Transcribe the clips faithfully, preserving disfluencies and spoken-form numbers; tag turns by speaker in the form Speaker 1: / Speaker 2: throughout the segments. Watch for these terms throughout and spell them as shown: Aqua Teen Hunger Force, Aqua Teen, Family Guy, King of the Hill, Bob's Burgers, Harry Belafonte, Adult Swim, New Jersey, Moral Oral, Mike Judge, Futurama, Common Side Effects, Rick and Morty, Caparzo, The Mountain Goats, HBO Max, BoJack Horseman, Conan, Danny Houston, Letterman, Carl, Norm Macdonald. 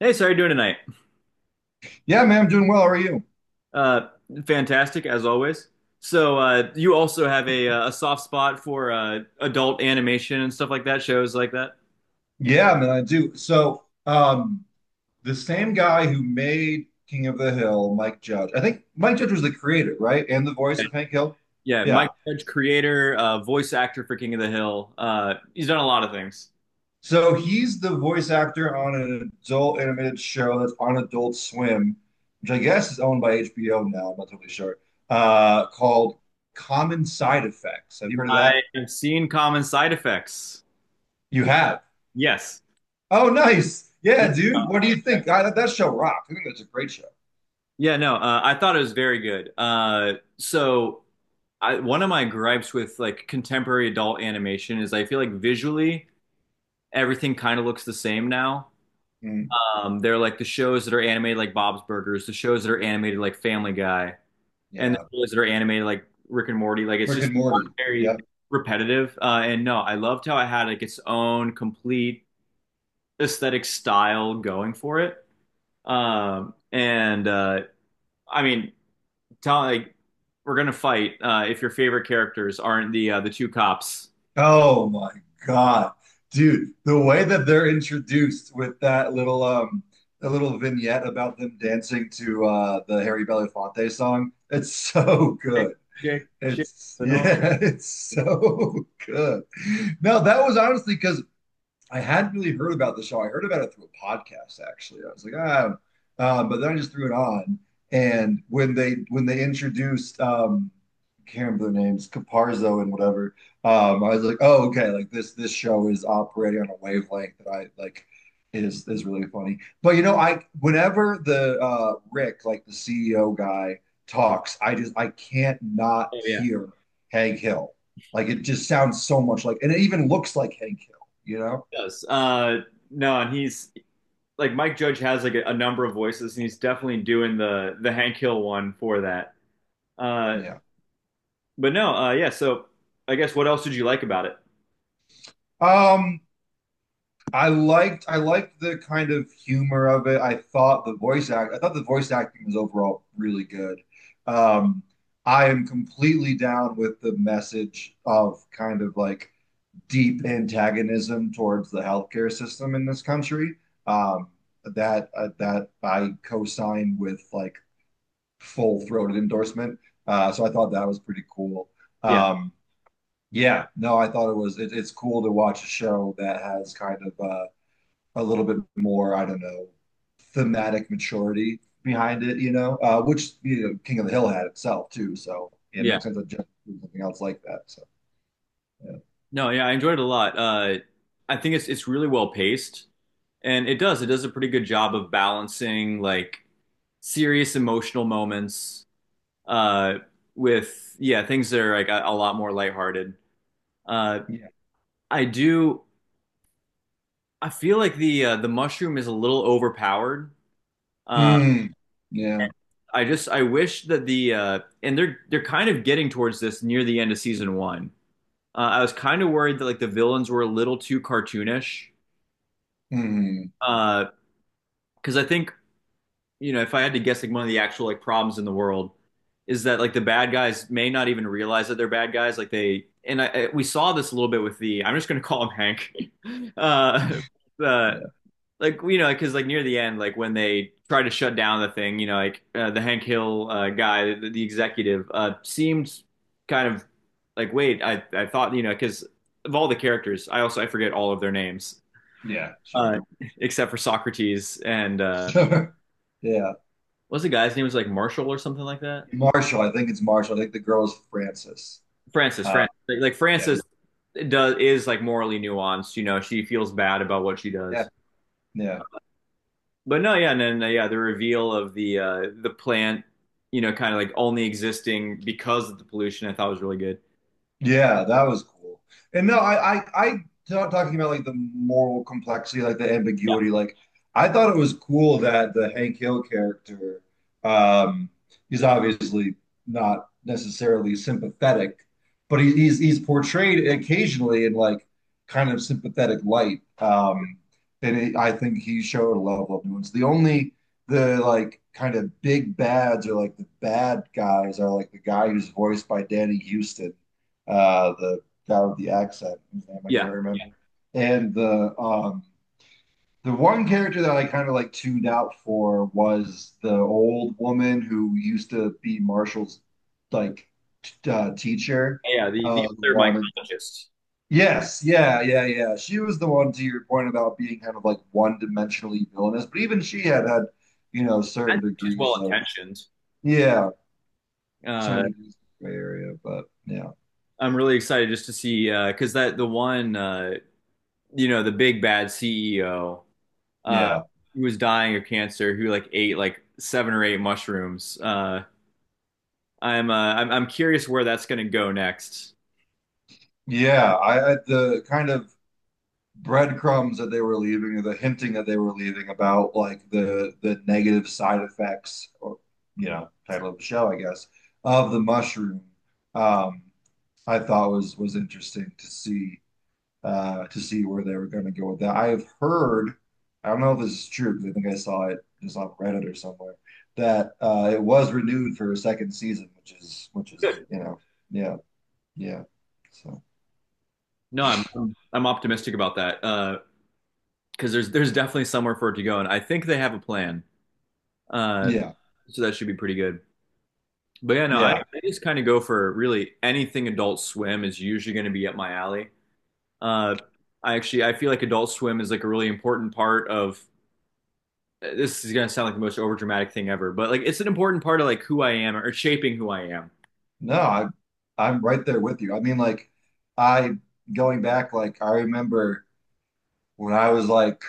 Speaker 1: Hey, so how are you doing tonight?
Speaker 2: Yeah, man, I'm doing well. How are you?
Speaker 1: Uh, Fantastic as always. So uh, you also have a uh, a soft spot for uh, adult animation and stuff like that, shows like that.
Speaker 2: Yeah, man, I do. So, um, the same guy who made King of the Hill, Mike Judge. I think Mike Judge was the creator, right? And the voice of Hank Hill.
Speaker 1: Yeah, yeah.
Speaker 2: Yeah.
Speaker 1: Mike Judge, creator, uh, voice actor for King of the Hill. Uh, he's done a lot of things.
Speaker 2: So he's the voice actor on an adult animated show that's on Adult Swim, which I guess is owned by H B O now. I'm not totally sure. Uh, called Common Side Effects. Have you heard of that?
Speaker 1: I have seen common side effects.
Speaker 2: You have.
Speaker 1: Yes.
Speaker 2: Oh, nice.
Speaker 1: Y-
Speaker 2: Yeah, dude. What do you think? I, that show rocks. I think that's a great show.
Speaker 1: Yeah, no, uh, I thought it was very good. Uh, so I, one of my gripes with like contemporary adult animation is I feel like visually everything kind of looks the same now.
Speaker 2: Mm,
Speaker 1: Um, they're like the shows that are animated like Bob's Burgers, the shows that are animated like Family Guy, and the
Speaker 2: yeah.
Speaker 1: shows that are animated like Rick and Morty. Like it's
Speaker 2: Rick
Speaker 1: just
Speaker 2: and Morty.
Speaker 1: very
Speaker 2: Yep.
Speaker 1: repetitive. Uh, and no, I loved how it had like its own complete aesthetic style going for it. Um, and uh, I mean, tell like we're gonna fight uh, if your favorite characters aren't the uh, the two cops.
Speaker 2: Oh my God. Dude, the way that they're introduced with that little um the little vignette about them dancing to uh the Harry Belafonte song, it's so
Speaker 1: Chick,
Speaker 2: good.
Speaker 1: chick, chick.
Speaker 2: It's
Speaker 1: So no.
Speaker 2: Yeah, it's
Speaker 1: Oh
Speaker 2: so good. No, that was honestly because I hadn't really heard about the show. I heard about it through a podcast, actually. I was like, ah, um, but then I just threw it on. And when they when they introduced, um, I can't remember their names, Caparzo and whatever, um, I was like, oh, okay, like this this show is operating on a wavelength that I like is is really funny. But you know, I whenever the uh, Rick, like the C E O guy, talks, I just I can't not
Speaker 1: yeah,
Speaker 2: hear Hank Hill. Like it just sounds so much like, and it even looks like Hank Hill. You know?
Speaker 1: it does. Uh, no, and he's like Mike Judge has like a, a number of voices, and he's definitely doing the the Hank Hill one for that. Uh,
Speaker 2: Yeah.
Speaker 1: but no, uh, Yeah. So I guess what else did you like about it?
Speaker 2: Um, I liked I liked the kind of humor of it. I thought the voice act I thought the voice acting was overall really good. Um, I am completely down with the message of kind of like deep antagonism towards the healthcare system in this country. Um, that uh, that I co-signed with like full-throated endorsement. Uh, so I thought that was pretty cool.
Speaker 1: Yeah,
Speaker 2: Um, Yeah, no, I thought it was it, it's cool to watch a show that has kind of uh, a little bit more, I don't know, thematic maturity behind it, you know, uh, which you know, King of the Hill had itself too. So yeah, it
Speaker 1: yeah.
Speaker 2: makes sense that just do something else like that. So yeah,
Speaker 1: No, yeah, I enjoyed it a lot. Uh, I think it's it's really well paced, and it does it does a pretty good job of balancing like serious emotional moments uh, with yeah things that are like a, a lot more lighthearted. Uh,
Speaker 2: yeah,
Speaker 1: I do. I feel like the uh, the mushroom is a little overpowered. Uh,
Speaker 2: mm, yeah,
Speaker 1: I just I wish that the uh, and they're they're kind of getting towards this near the end of season one. Uh, I was kind of worried that like the villains were a little too cartoonish
Speaker 2: mm,
Speaker 1: because uh, I think you know if I had to guess like one of the actual like problems in the world is that like the bad guys may not even realize that they're bad guys like they and I, I- we saw this a little bit with the I'm just going to call him Hank uh, uh,
Speaker 2: yeah,
Speaker 1: like you know because like near the end like when they try to shut down the thing you know like uh, the Hank Hill uh, guy the, the executive uh seemed kind of like wait I I thought you know because of all the characters I also I forget all of their names
Speaker 2: yeah, sure,
Speaker 1: uh except for Socrates and uh
Speaker 2: sure, yeah.
Speaker 1: what's the guy's name. It was like Marshall or something like that.
Speaker 2: Marshall, I think it's Marshall. I think the girl is Frances.
Speaker 1: Francis
Speaker 2: Uh,
Speaker 1: Francis like, like
Speaker 2: yeah,
Speaker 1: Francis does is like morally nuanced, you know, she feels bad about what she
Speaker 2: yeah,
Speaker 1: does.
Speaker 2: yeah.
Speaker 1: But no, yeah, and then uh, yeah, the reveal of the uh the plant, you know, kind of like only existing because of the pollution, I thought was really good.
Speaker 2: Yeah, that was cool. And no, I, I, I not talking about like the moral complexity, like the
Speaker 1: Yeah,
Speaker 2: ambiguity. Like, I thought it was cool that the Hank Hill character, um, he's obviously not necessarily sympathetic, but he, he's he's portrayed occasionally in like kind of sympathetic light. Um, and it, I think he showed a level of nuance. The only the like kind of big bads or like the bad guys are like the guy who's voiced by Danny Houston, uh, the guy with the accent, whose name I
Speaker 1: yeah,
Speaker 2: can't
Speaker 1: yeah,
Speaker 2: remember. And the um, the one character that I kind of like tuned out for was the old woman who used to be Marshall's like t- uh, teacher.
Speaker 1: yeah. The the
Speaker 2: Uh, who
Speaker 1: other
Speaker 2: wanted.
Speaker 1: mycologist,
Speaker 2: Yes, yeah, yeah, yeah. She was the one to your point about being kind of like one-dimensionally villainous, but even she had had, you know, certain
Speaker 1: and she's well
Speaker 2: degrees of
Speaker 1: intentioned.
Speaker 2: yeah,
Speaker 1: Uh,
Speaker 2: certain degrees of gray area. But yeah,
Speaker 1: I'm really excited just to see uh, because that the one uh, you know the big bad C E O uh
Speaker 2: yeah,
Speaker 1: who was dying of cancer who like ate like seven or eight mushrooms. Uh, I'm uh, I'm I'm curious where that's gonna go next.
Speaker 2: yeah. I, I the kind of breadcrumbs that they were leaving or the hinting that they were leaving about like the the negative side effects or you know title of the show I guess of the mushroom, um I thought was was interesting to see, uh to see where they were going to go with that. I have heard, I don't know if this is true because I think I saw it just on Reddit or somewhere, that uh it was renewed for a second season, which is which is
Speaker 1: Good.
Speaker 2: you know, yeah, yeah, so
Speaker 1: No, I'm I'm, I'm optimistic about that. Uh, because there's there's definitely somewhere for it to go, and I think they have a plan. Uh,
Speaker 2: yeah,
Speaker 1: so that should be pretty good. But yeah, no, I,
Speaker 2: yeah.
Speaker 1: I just kind of go for really anything Adult Swim is usually going to be up my alley. Uh, I actually I feel like Adult Swim is like a really important part of this is gonna sound like the most overdramatic thing ever, but like it's an important part of like who I am or shaping who I am.
Speaker 2: No, I, I'm right there with you. I mean, like, I going back, like, I remember when I was like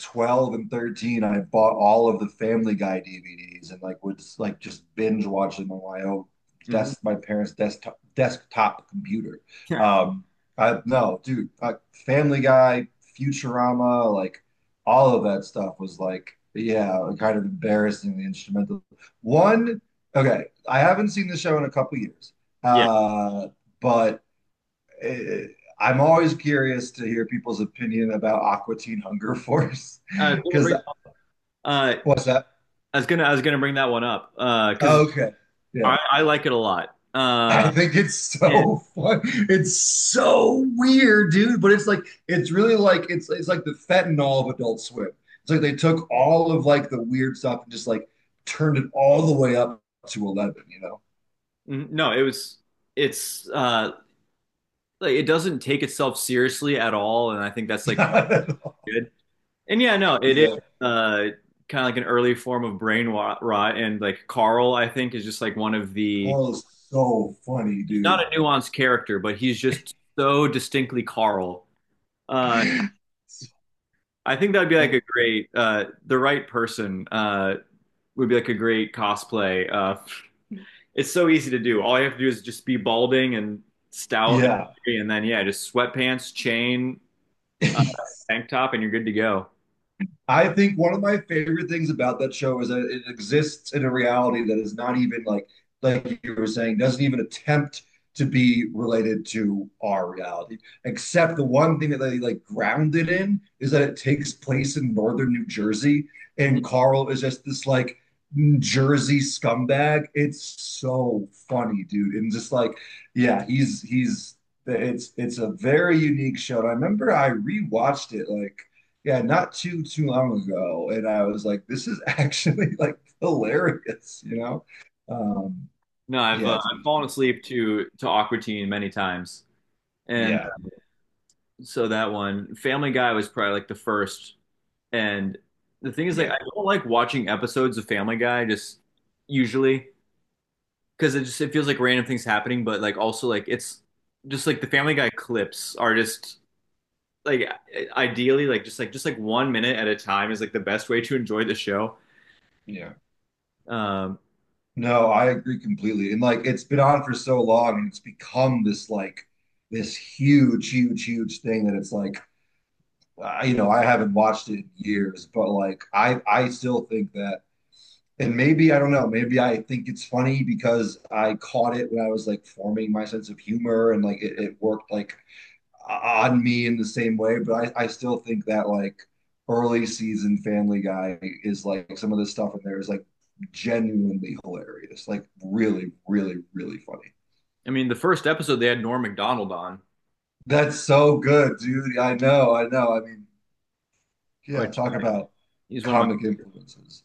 Speaker 2: 12 and 13 I bought all of the Family Guy DVDs and like would like just binge watch them on my own
Speaker 1: Hmm.
Speaker 2: desk my parents desktop desktop computer.
Speaker 1: Yeah.
Speaker 2: um I no dude, uh, Family Guy, Futurama, like all of that stuff was like yeah kind of embarrassing the instrumental one. Okay, I haven't seen the show in a couple years,
Speaker 1: Yeah.
Speaker 2: uh but it, I'm always curious to hear people's opinion about Aqua Teen Hunger Force
Speaker 1: Uh, I was gonna
Speaker 2: because
Speaker 1: bring, uh, I
Speaker 2: what's that?
Speaker 1: was gonna I was gonna bring that one up uh, because
Speaker 2: Oh, okay. Yeah.
Speaker 1: I I like it a lot.
Speaker 2: I
Speaker 1: Uh,
Speaker 2: think it's
Speaker 1: and
Speaker 2: so fun. It's so weird, dude, but it's like it's really like it's it's like the fentanyl of Adult Swim. It's like they took all of like the weird stuff and just like turned it all the way up to eleven, you know?
Speaker 1: n- no, it was it's uh like it doesn't take itself seriously at all, and I think that's like part
Speaker 2: Not at all.
Speaker 1: of good. And yeah, no, it is
Speaker 2: Yeah.
Speaker 1: uh kind of like an early form of brain wa- rot, and like Carl, I think, is just like one of the
Speaker 2: Carl is so funny,
Speaker 1: he's not
Speaker 2: dude.
Speaker 1: a nuanced character, but he's just so distinctly Carl. Uh, I think that'd be like a
Speaker 2: So,
Speaker 1: great uh the right person uh would be like a great cosplay. Uh, it's so easy to do. All you have to do is just be balding and stout,
Speaker 2: yeah.
Speaker 1: and, and then yeah, just sweatpants, chain, uh, tank top, and you're good to go.
Speaker 2: I think one of my favorite things about that show is that it exists in a reality that is not even like like you were saying, doesn't even attempt to be related to our reality. Except the one thing that they like grounded in is that it takes place in northern New Jersey,
Speaker 1: Mhm.
Speaker 2: and Carl is just this like Jersey scumbag. It's so funny, dude. And just like, yeah, he's he's it's it's a very unique show. And I remember I rewatched it like yeah, not too too long ago, and I was like, "This is actually like hilarious," you know? Um,
Speaker 1: No, I've uh,
Speaker 2: yeah, it's an
Speaker 1: I've fallen
Speaker 2: interesting show.
Speaker 1: asleep to to Aqua Teen many times, and
Speaker 2: Yeah,
Speaker 1: so that one Family Guy was probably like the first. And the thing is, like, I
Speaker 2: yeah,
Speaker 1: don't like watching episodes of Family Guy just usually because it just it feels like random things happening, but like also like it's just like the Family Guy clips are just like ideally like just like just like one minute at a time is like the best way to enjoy the show.
Speaker 2: yeah.
Speaker 1: Um,
Speaker 2: No, I agree completely. And like, it's been on for so long, and it's become this like this huge, huge, huge thing that it's like, I, you know, I haven't watched it in years, but like, I I still think that, and maybe I don't know, maybe I think it's funny because I caught it when I was like forming my sense of humor, and like it, it worked like on me in the same way, but I, I still think that like early season Family Guy is like some of the stuff in there is like genuinely hilarious, like really, really, really funny.
Speaker 1: I mean, the first episode they had Norm Macdonald on,
Speaker 2: That's so good, dude. I know, I know. I mean, yeah,
Speaker 1: which
Speaker 2: talk about
Speaker 1: he's one of my
Speaker 2: comic influences.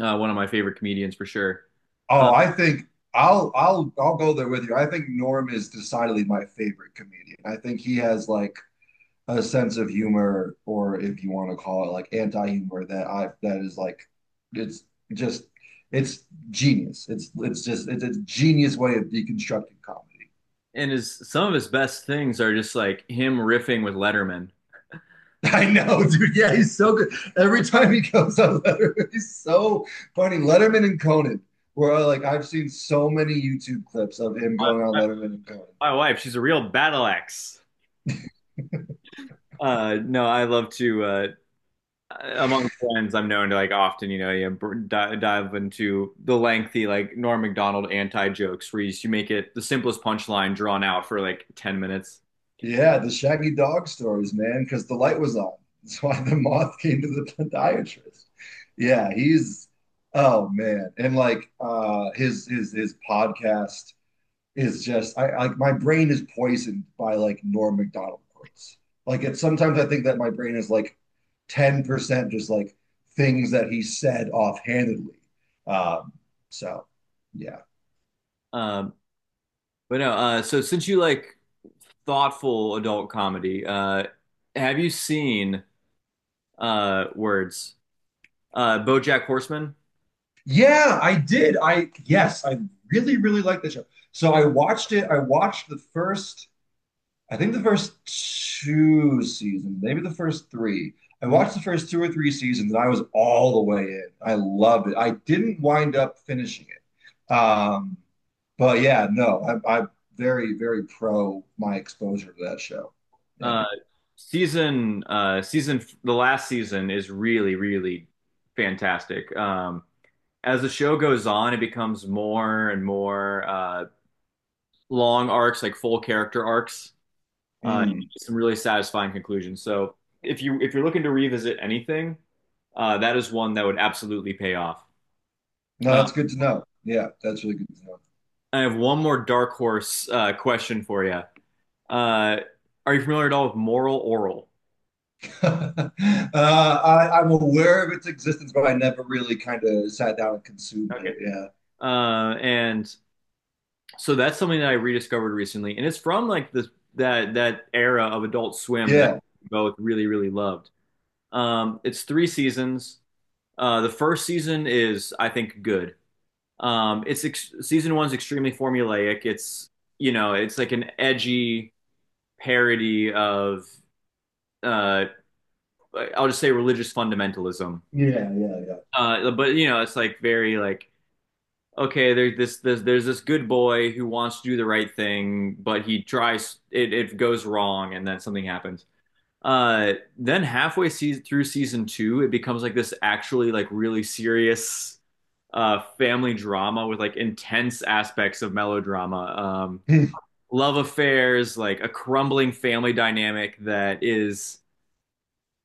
Speaker 1: uh, one of my favorite comedians for sure. Um,
Speaker 2: Oh, I think I'll I'll I'll go there with you. I think Norm is decidedly my favorite comedian. I think he has like a sense of humor, or if you want to call it like anti-humor that I that is like it's just it's genius. It's it's just it's a genius way of deconstructing comedy.
Speaker 1: and his some of his best things are just like him riffing with Letterman.
Speaker 2: I know, dude. Yeah, he's so good. Every time he goes on Letterman, he's so funny. Letterman and Conan, where like I've seen so many YouTube clips of him
Speaker 1: My,
Speaker 2: going on
Speaker 1: my
Speaker 2: Letterman and Conan.
Speaker 1: my wife, she's a real battle axe. Uh, no, I love to uh, among friends. I'm known to like often, you know, you br- di- dive into the lengthy like Norm Macdonald anti jokes where you, you make it the simplest punchline drawn out for like ten minutes.
Speaker 2: Yeah, the shaggy dog stories, man, because the light was on. That's why the moth came to the podiatrist. Yeah, he's oh man. And like uh his his his podcast is just I like my brain is poisoned by like Norm Macdonald quotes. Like it's sometimes I think that my brain is like ten percent just like things that he said offhandedly. Um, so yeah.
Speaker 1: Um, but no, uh, So since you like thoughtful adult comedy, uh, have you seen uh, Words? uh, BoJack Horseman.
Speaker 2: Yeah, I did. I yes, I really, really liked the show. So I watched it. I watched the first, I think the first two seasons, maybe the first three. I
Speaker 1: Mhm.
Speaker 2: watched the first two or three seasons and I was all the way in. I loved it. I didn't wind up finishing it. Um, but yeah, no, I, I'm very, very pro my exposure to that show. Yeah.
Speaker 1: Uh, season uh, Season the last season is really really fantastic. Um, as the show goes on, it becomes more and more uh, long arcs, like full character arcs. Uh,
Speaker 2: Mm.
Speaker 1: some really satisfying conclusions. So if you if you're looking to revisit anything, uh, that is one that would absolutely pay off.
Speaker 2: No,
Speaker 1: Uh,
Speaker 2: that's good to know. Yeah, that's really good to know.
Speaker 1: I have one more dark horse uh, question for you. Uh, are you familiar at all with Moral Oral?
Speaker 2: uh, I, I'm aware of its existence, but I never really kind of sat down and consumed
Speaker 1: Okay.
Speaker 2: it.
Speaker 1: Uh, and So that's something that I rediscovered recently, and it's from like this that that era of Adult
Speaker 2: Yeah.
Speaker 1: Swim that
Speaker 2: Yeah.
Speaker 1: I both really really loved. Um, it's three seasons. Uh, the first season is I think good. Um, it's ex- season one's extremely formulaic. It's you know it's like an edgy parody of uh, I'll just say religious fundamentalism.
Speaker 2: Yeah. Yeah.
Speaker 1: Uh, but you know it's like very like okay, there's this, this there's this good boy who wants to do the right thing, but he tries it, it goes wrong, and then something happens. Uh, then halfway se through season two, it becomes like this actually like really serious uh family drama with like intense aspects of melodrama, um,
Speaker 2: Yeah.
Speaker 1: love affairs, like a crumbling family dynamic that is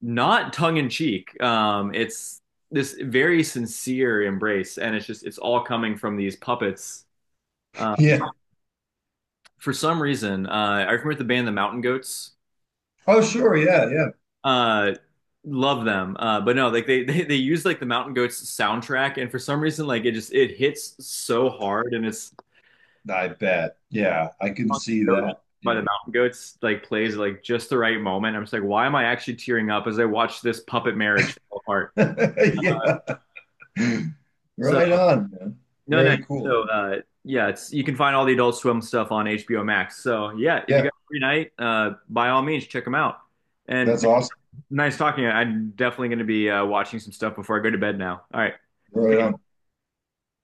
Speaker 1: not tongue in cheek. Um, it's this very sincere embrace, and it's just it's all coming from these puppets. Um,
Speaker 2: yeah.
Speaker 1: for some reason, uh, I remember the band The Mountain Goats.
Speaker 2: Oh, sure. Yeah. Yeah.
Speaker 1: Uh, Love them, uh, but no, like they, they they use like the Mountain Goats soundtrack, and for some reason, like it just it hits so hard, and it's
Speaker 2: I bet. Yeah. I can see that.
Speaker 1: by
Speaker 2: Yeah.
Speaker 1: the Mountain Goats like plays like just the right moment. I'm just like, why am I actually tearing up as I watch this puppet marriage fall apart?
Speaker 2: yeah.
Speaker 1: So
Speaker 2: Right on, man.
Speaker 1: no, no.
Speaker 2: Very cool.
Speaker 1: So uh, yeah, it's you can find all the Adult Swim stuff on H B O Max. So yeah, if you got
Speaker 2: Yeah.
Speaker 1: a free night, uh, by all means, check them out. And
Speaker 2: That's awesome.
Speaker 1: nice talking. I'm definitely going to be uh, watching some stuff before I go to bed now. All right.
Speaker 2: Right on.